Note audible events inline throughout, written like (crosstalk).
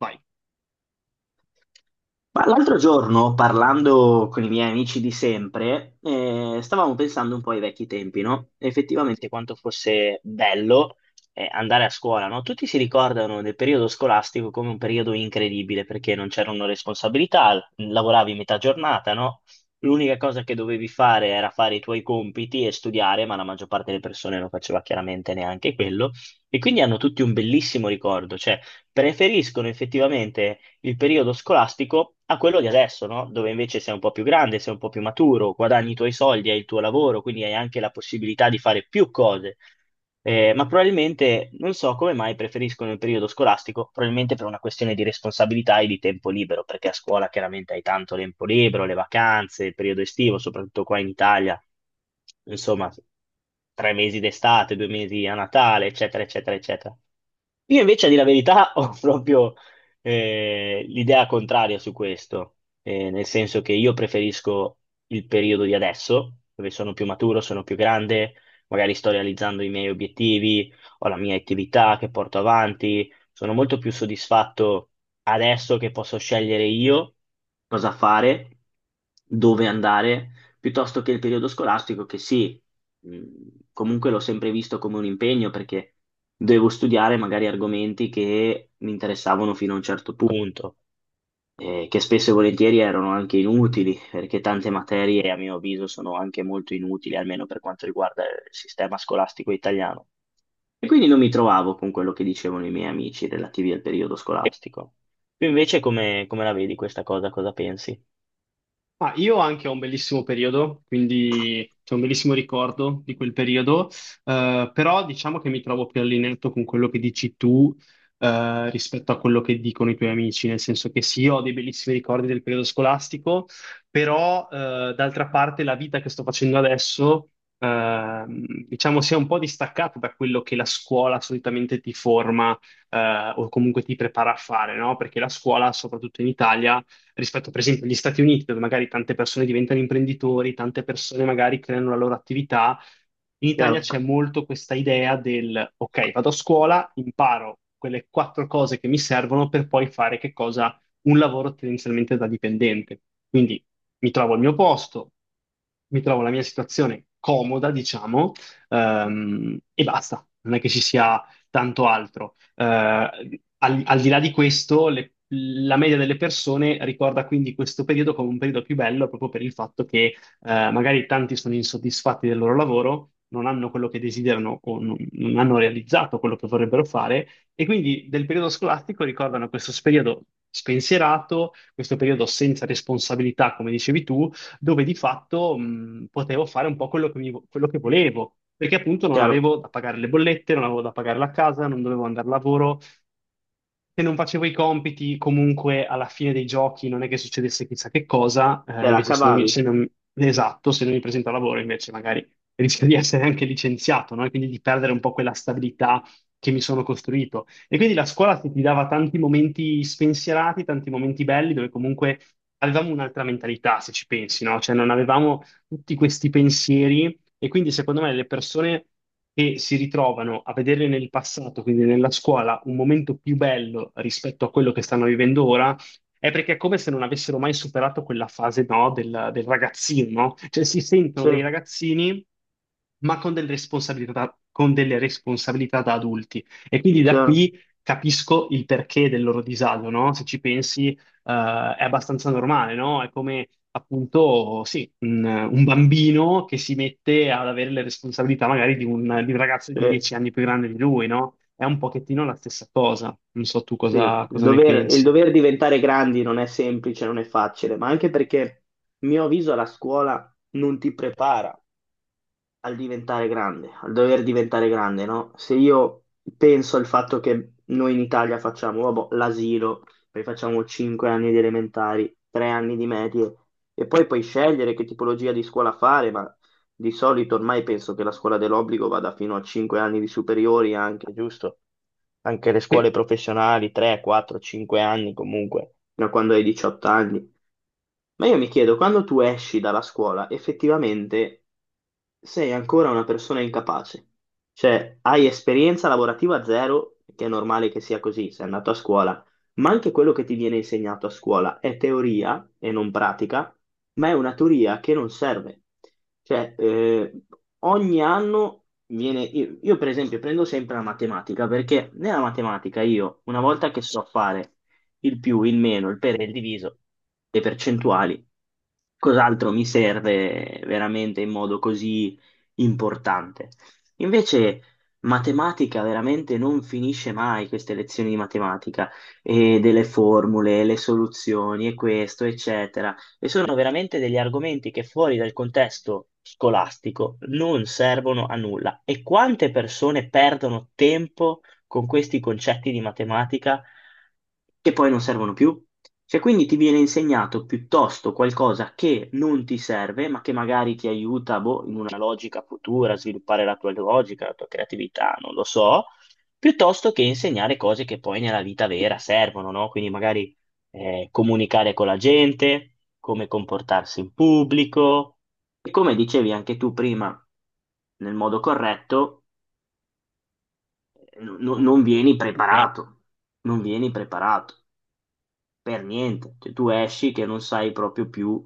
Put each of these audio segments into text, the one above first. Vai. Ma l'altro giorno, parlando con i miei amici di sempre, stavamo pensando un po' ai vecchi tempi, no? Effettivamente quanto fosse bello, andare a scuola, no? Tutti si ricordano del periodo scolastico come un periodo incredibile, perché non c'erano responsabilità, lavoravi metà giornata, no? L'unica cosa che dovevi fare era fare i tuoi compiti e studiare, ma la maggior parte delle persone non faceva chiaramente neanche quello. E quindi hanno tutti un bellissimo ricordo, cioè preferiscono effettivamente il periodo scolastico a quello di adesso, no? Dove invece sei un po' più grande, sei un po' più maturo, guadagni i tuoi soldi, hai il tuo lavoro, quindi hai anche la possibilità di fare più cose. Ma probabilmente non so come mai preferiscono il periodo scolastico, probabilmente per una questione di responsabilità e di tempo libero, perché a scuola chiaramente hai tanto tempo libero, le vacanze, il periodo estivo, soprattutto qua in Italia, insomma, tre mesi d'estate, due mesi a Natale, eccetera, eccetera, eccetera. Io invece, a dire la verità, (laughs) ho proprio l'idea contraria su questo, nel senso che io preferisco il periodo di adesso, dove sono più maturo, sono più grande, magari sto realizzando i miei obiettivi, ho la mia attività che porto avanti, sono molto più soddisfatto adesso che posso scegliere io cosa fare, dove andare, piuttosto che il periodo scolastico che sì, mh, comunque l'ho sempre visto come un impegno. Perché dovevo studiare magari argomenti che mi interessavano fino a un certo punto, che spesso e volentieri erano anche inutili, perché tante materie, a mio avviso, sono anche molto inutili, almeno per quanto riguarda il sistema scolastico italiano. E quindi non mi trovavo con quello che dicevano i miei amici relativi al periodo scolastico. Tu invece come la vedi questa cosa? Cosa pensi? Ah, io anche ho un bellissimo periodo, quindi c'è un bellissimo ricordo di quel periodo, però diciamo che mi trovo più allineato con quello che dici tu, rispetto a quello che dicono i tuoi amici, nel senso che sì, ho dei bellissimi ricordi del periodo scolastico, però, d'altra parte la vita che sto facendo adesso, diciamo, si è un po' distaccata da quello che la scuola solitamente ti forma o comunque ti prepara a fare, no? Perché la scuola, soprattutto in Italia, rispetto per esempio agli Stati Uniti, dove magari tante persone diventano imprenditori, tante persone magari creano la loro attività. In Italia Chiaro, c'è molto questa idea del, ok, vado a scuola, imparo quelle quattro cose che mi servono per poi fare che cosa? Un lavoro tendenzialmente da dipendente. Quindi mi trovo al mio posto, mi trovo la mia situazione comoda, diciamo, e basta, non è che ci sia tanto altro. Eh, al di là di questo, la media delle persone ricorda quindi questo periodo come un periodo più bello proprio per il fatto che magari tanti sono insoddisfatti del loro lavoro, non hanno quello che desiderano o non hanno realizzato quello che vorrebbero fare e quindi del periodo scolastico ricordano questo periodo spensierato, questo periodo senza responsabilità, come dicevi tu, dove di fatto potevo fare un po' quello che, quello che volevo, perché appunto non chiaro, avevo da pagare le bollette, non avevo da pagare la casa, non dovevo andare al lavoro. Se non facevo i compiti, comunque alla fine dei giochi non è che succedesse chissà che cosa, te la invece se non mi, cavavi. se non- esatto, se non mi presento al lavoro invece magari rischio di essere anche licenziato, no? E quindi di perdere un po' quella stabilità che mi sono costruito. E quindi la scuola ti dava tanti momenti spensierati, tanti momenti belli, dove comunque avevamo un'altra mentalità, se ci pensi, no? Cioè non avevamo tutti questi pensieri e quindi secondo me le persone che si ritrovano a vedere nel passato, quindi nella scuola, un momento più bello rispetto a quello che stanno vivendo ora, è perché è come se non avessero mai superato quella fase, no, del ragazzino, no? Cioè si sentono Sì, dei ragazzini, ma con delle responsabilità da adulti. E quindi da chiaro, qui capisco il perché del loro disagio, no? Se ci pensi, è abbastanza normale, no? È come appunto, sì, un bambino che si mette ad avere le responsabilità magari di un ragazzo sì. di 10 anni più grande di lui, no? È un pochettino la stessa cosa. Non so tu Sì, cosa, il cosa ne dover, il pensi. dover diventare grandi non è semplice, non è facile, ma anche perché, a mio avviso, la scuola non ti prepara al diventare grande, al dover diventare grande, no? Se io penso al fatto che noi in Italia facciamo, vabbè, l'asilo, poi facciamo 5 anni di elementari, 3 anni di medie, e poi puoi scegliere che tipologia di scuola fare, ma di solito ormai penso che la scuola dell'obbligo vada fino a 5 anni di superiori anche, giusto? Anche le scuole Sì. professionali, 3, 4, 5 anni comunque, da quando hai 18 anni. Ma io mi chiedo, quando tu esci dalla scuola, effettivamente sei ancora una persona incapace. Cioè, hai esperienza lavorativa zero, che è normale che sia così, sei andato a scuola, ma anche quello che ti viene insegnato a scuola è teoria e non pratica, ma è una teoria che non serve. Cioè, Io, per esempio, prendo sempre la matematica, perché nella matematica io, una volta che so fare il più, il meno, il per e il diviso, le percentuali, cos'altro mi serve veramente in modo così importante. Invece matematica veramente non finisce mai queste lezioni di matematica e delle formule, le soluzioni e questo, eccetera. E sono veramente degli argomenti che fuori dal contesto scolastico non servono a nulla. E quante persone perdono tempo con questi concetti di matematica che poi non servono più. Cioè, quindi ti viene insegnato piuttosto qualcosa che non ti serve, ma che magari ti aiuta, boh, in una logica futura, a sviluppare la tua logica, la tua creatività, non lo so, piuttosto che insegnare cose che poi nella vita vera servono, no? Quindi magari comunicare con la gente, come comportarsi in pubblico e, come dicevi anche tu prima, nel modo corretto, no, non vieni preparato, non vieni preparato per niente. Cioè, tu esci che non sai proprio più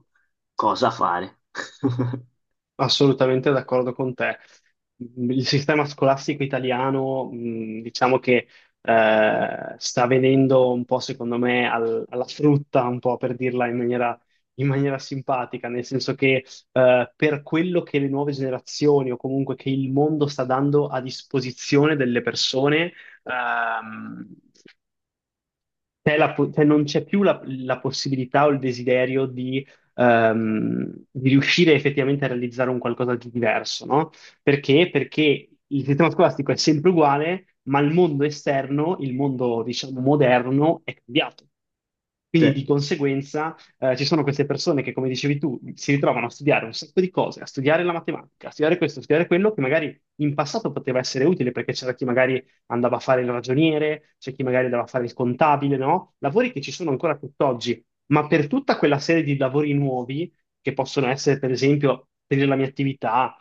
cosa fare. (laughs) Assolutamente d'accordo con te. Il sistema scolastico italiano, diciamo che sta venendo un po', secondo me, alla frutta, un po' per dirla in maniera simpatica, nel senso che per quello che le nuove generazioni o comunque che il mondo sta dando a disposizione delle persone, ehm, c'è cioè non c'è più la possibilità o il desiderio di riuscire effettivamente a realizzare un qualcosa di diverso, no? Perché? Perché il sistema scolastico è sempre uguale, ma il mondo esterno, il mondo, diciamo, moderno è cambiato. Sì, Quindi di conseguenza ci sono queste persone che, come dicevi tu, si ritrovano a studiare un sacco di cose, a studiare la matematica, a studiare questo, a studiare quello, che magari in passato poteva essere utile perché c'era chi magari andava a fare il ragioniere, c'è chi magari andava a fare il contabile, no? Lavori che ci sono ancora tutt'oggi, ma per tutta quella serie di lavori nuovi, che possono essere, per esempio, tenere la mia attività,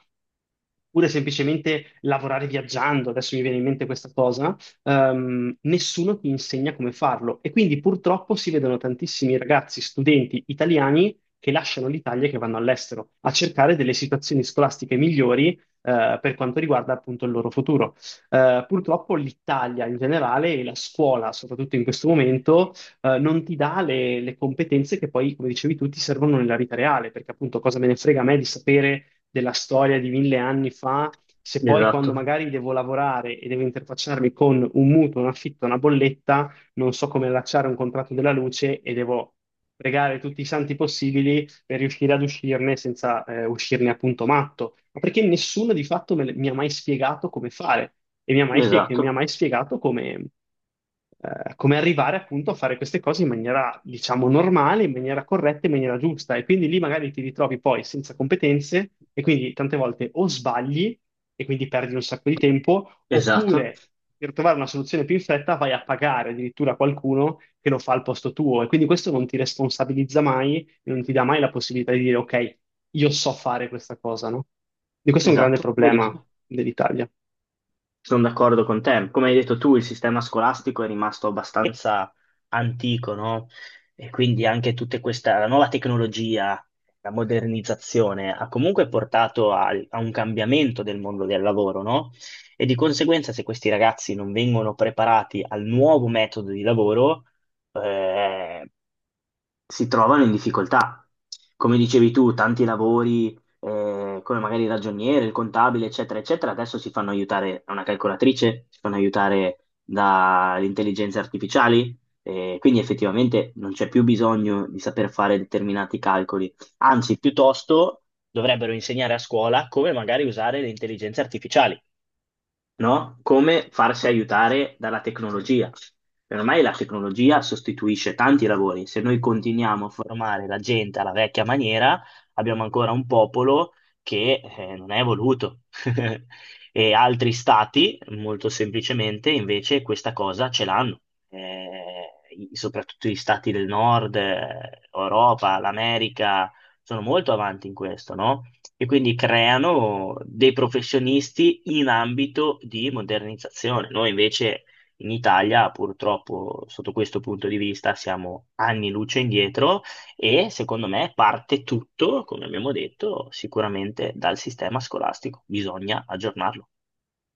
oppure semplicemente lavorare viaggiando, adesso mi viene in mente questa cosa, nessuno ti insegna come farlo. E quindi purtroppo si vedono tantissimi ragazzi, studenti italiani che lasciano l'Italia e che vanno all'estero a cercare delle situazioni scolastiche migliori, per quanto riguarda appunto il loro futuro. Purtroppo l'Italia in generale e la scuola, soprattutto in questo momento, non ti dà le competenze che poi, come dicevi tu, ti servono nella vita reale, perché appunto cosa me ne frega a me di sapere della storia di 1000 anni fa, se poi quando esatto, magari devo lavorare e devo interfacciarmi con un mutuo, un affitto, una bolletta, non so come allacciare un contratto della luce e devo pregare tutti i santi possibili per riuscire ad uscirne senza uscirne appunto matto, ma perché nessuno di fatto mi ha mai spiegato come fare e mi ha mai, e mi ha esatto, mai spiegato come, come arrivare appunto a fare queste cose in maniera, diciamo, normale, in maniera corretta, in maniera giusta. E quindi lì magari ti ritrovi poi senza competenze e quindi tante volte o sbagli e quindi perdi un sacco di tempo, esatto, oppure per trovare una soluzione più in fretta vai a pagare addirittura qualcuno che lo fa al posto tuo e quindi questo non ti responsabilizza mai non ti dà mai la possibilità di dire, ok, io so fare questa cosa, no? E questo è un grande esatto, problema verissimo. dell'Italia. Sono d'accordo con te. Come hai detto tu, il sistema scolastico è rimasto abbastanza antico, no? E quindi anche tutta questa, la nuova tecnologia, la modernizzazione ha comunque portato a un cambiamento del mondo del lavoro, no? E di conseguenza, se questi ragazzi non vengono preparati al nuovo metodo di lavoro, eh, si trovano in difficoltà. Come dicevi tu, tanti lavori, come magari il ragioniere, il contabile, eccetera, eccetera, adesso si fanno aiutare da una calcolatrice, si fanno aiutare dalle intelligenze artificiali, quindi effettivamente non c'è più bisogno di saper fare determinati calcoli. Anzi, piuttosto dovrebbero insegnare a scuola come magari usare le intelligenze artificiali, no? Come farsi aiutare dalla tecnologia. E ormai la tecnologia sostituisce tanti lavori. Se noi continuiamo a formare la gente alla vecchia maniera, abbiamo ancora un popolo che non è evoluto. (laughs) E altri stati, molto semplicemente, invece questa cosa ce l'hanno. Soprattutto gli stati del nord, Europa, l'America, sono molto avanti in questo, no? E quindi creano dei professionisti in ambito di modernizzazione. Noi invece in Italia, purtroppo, sotto questo punto di vista, siamo anni luce indietro e secondo me parte tutto, come abbiamo detto, sicuramente dal sistema scolastico. Bisogna aggiornarlo.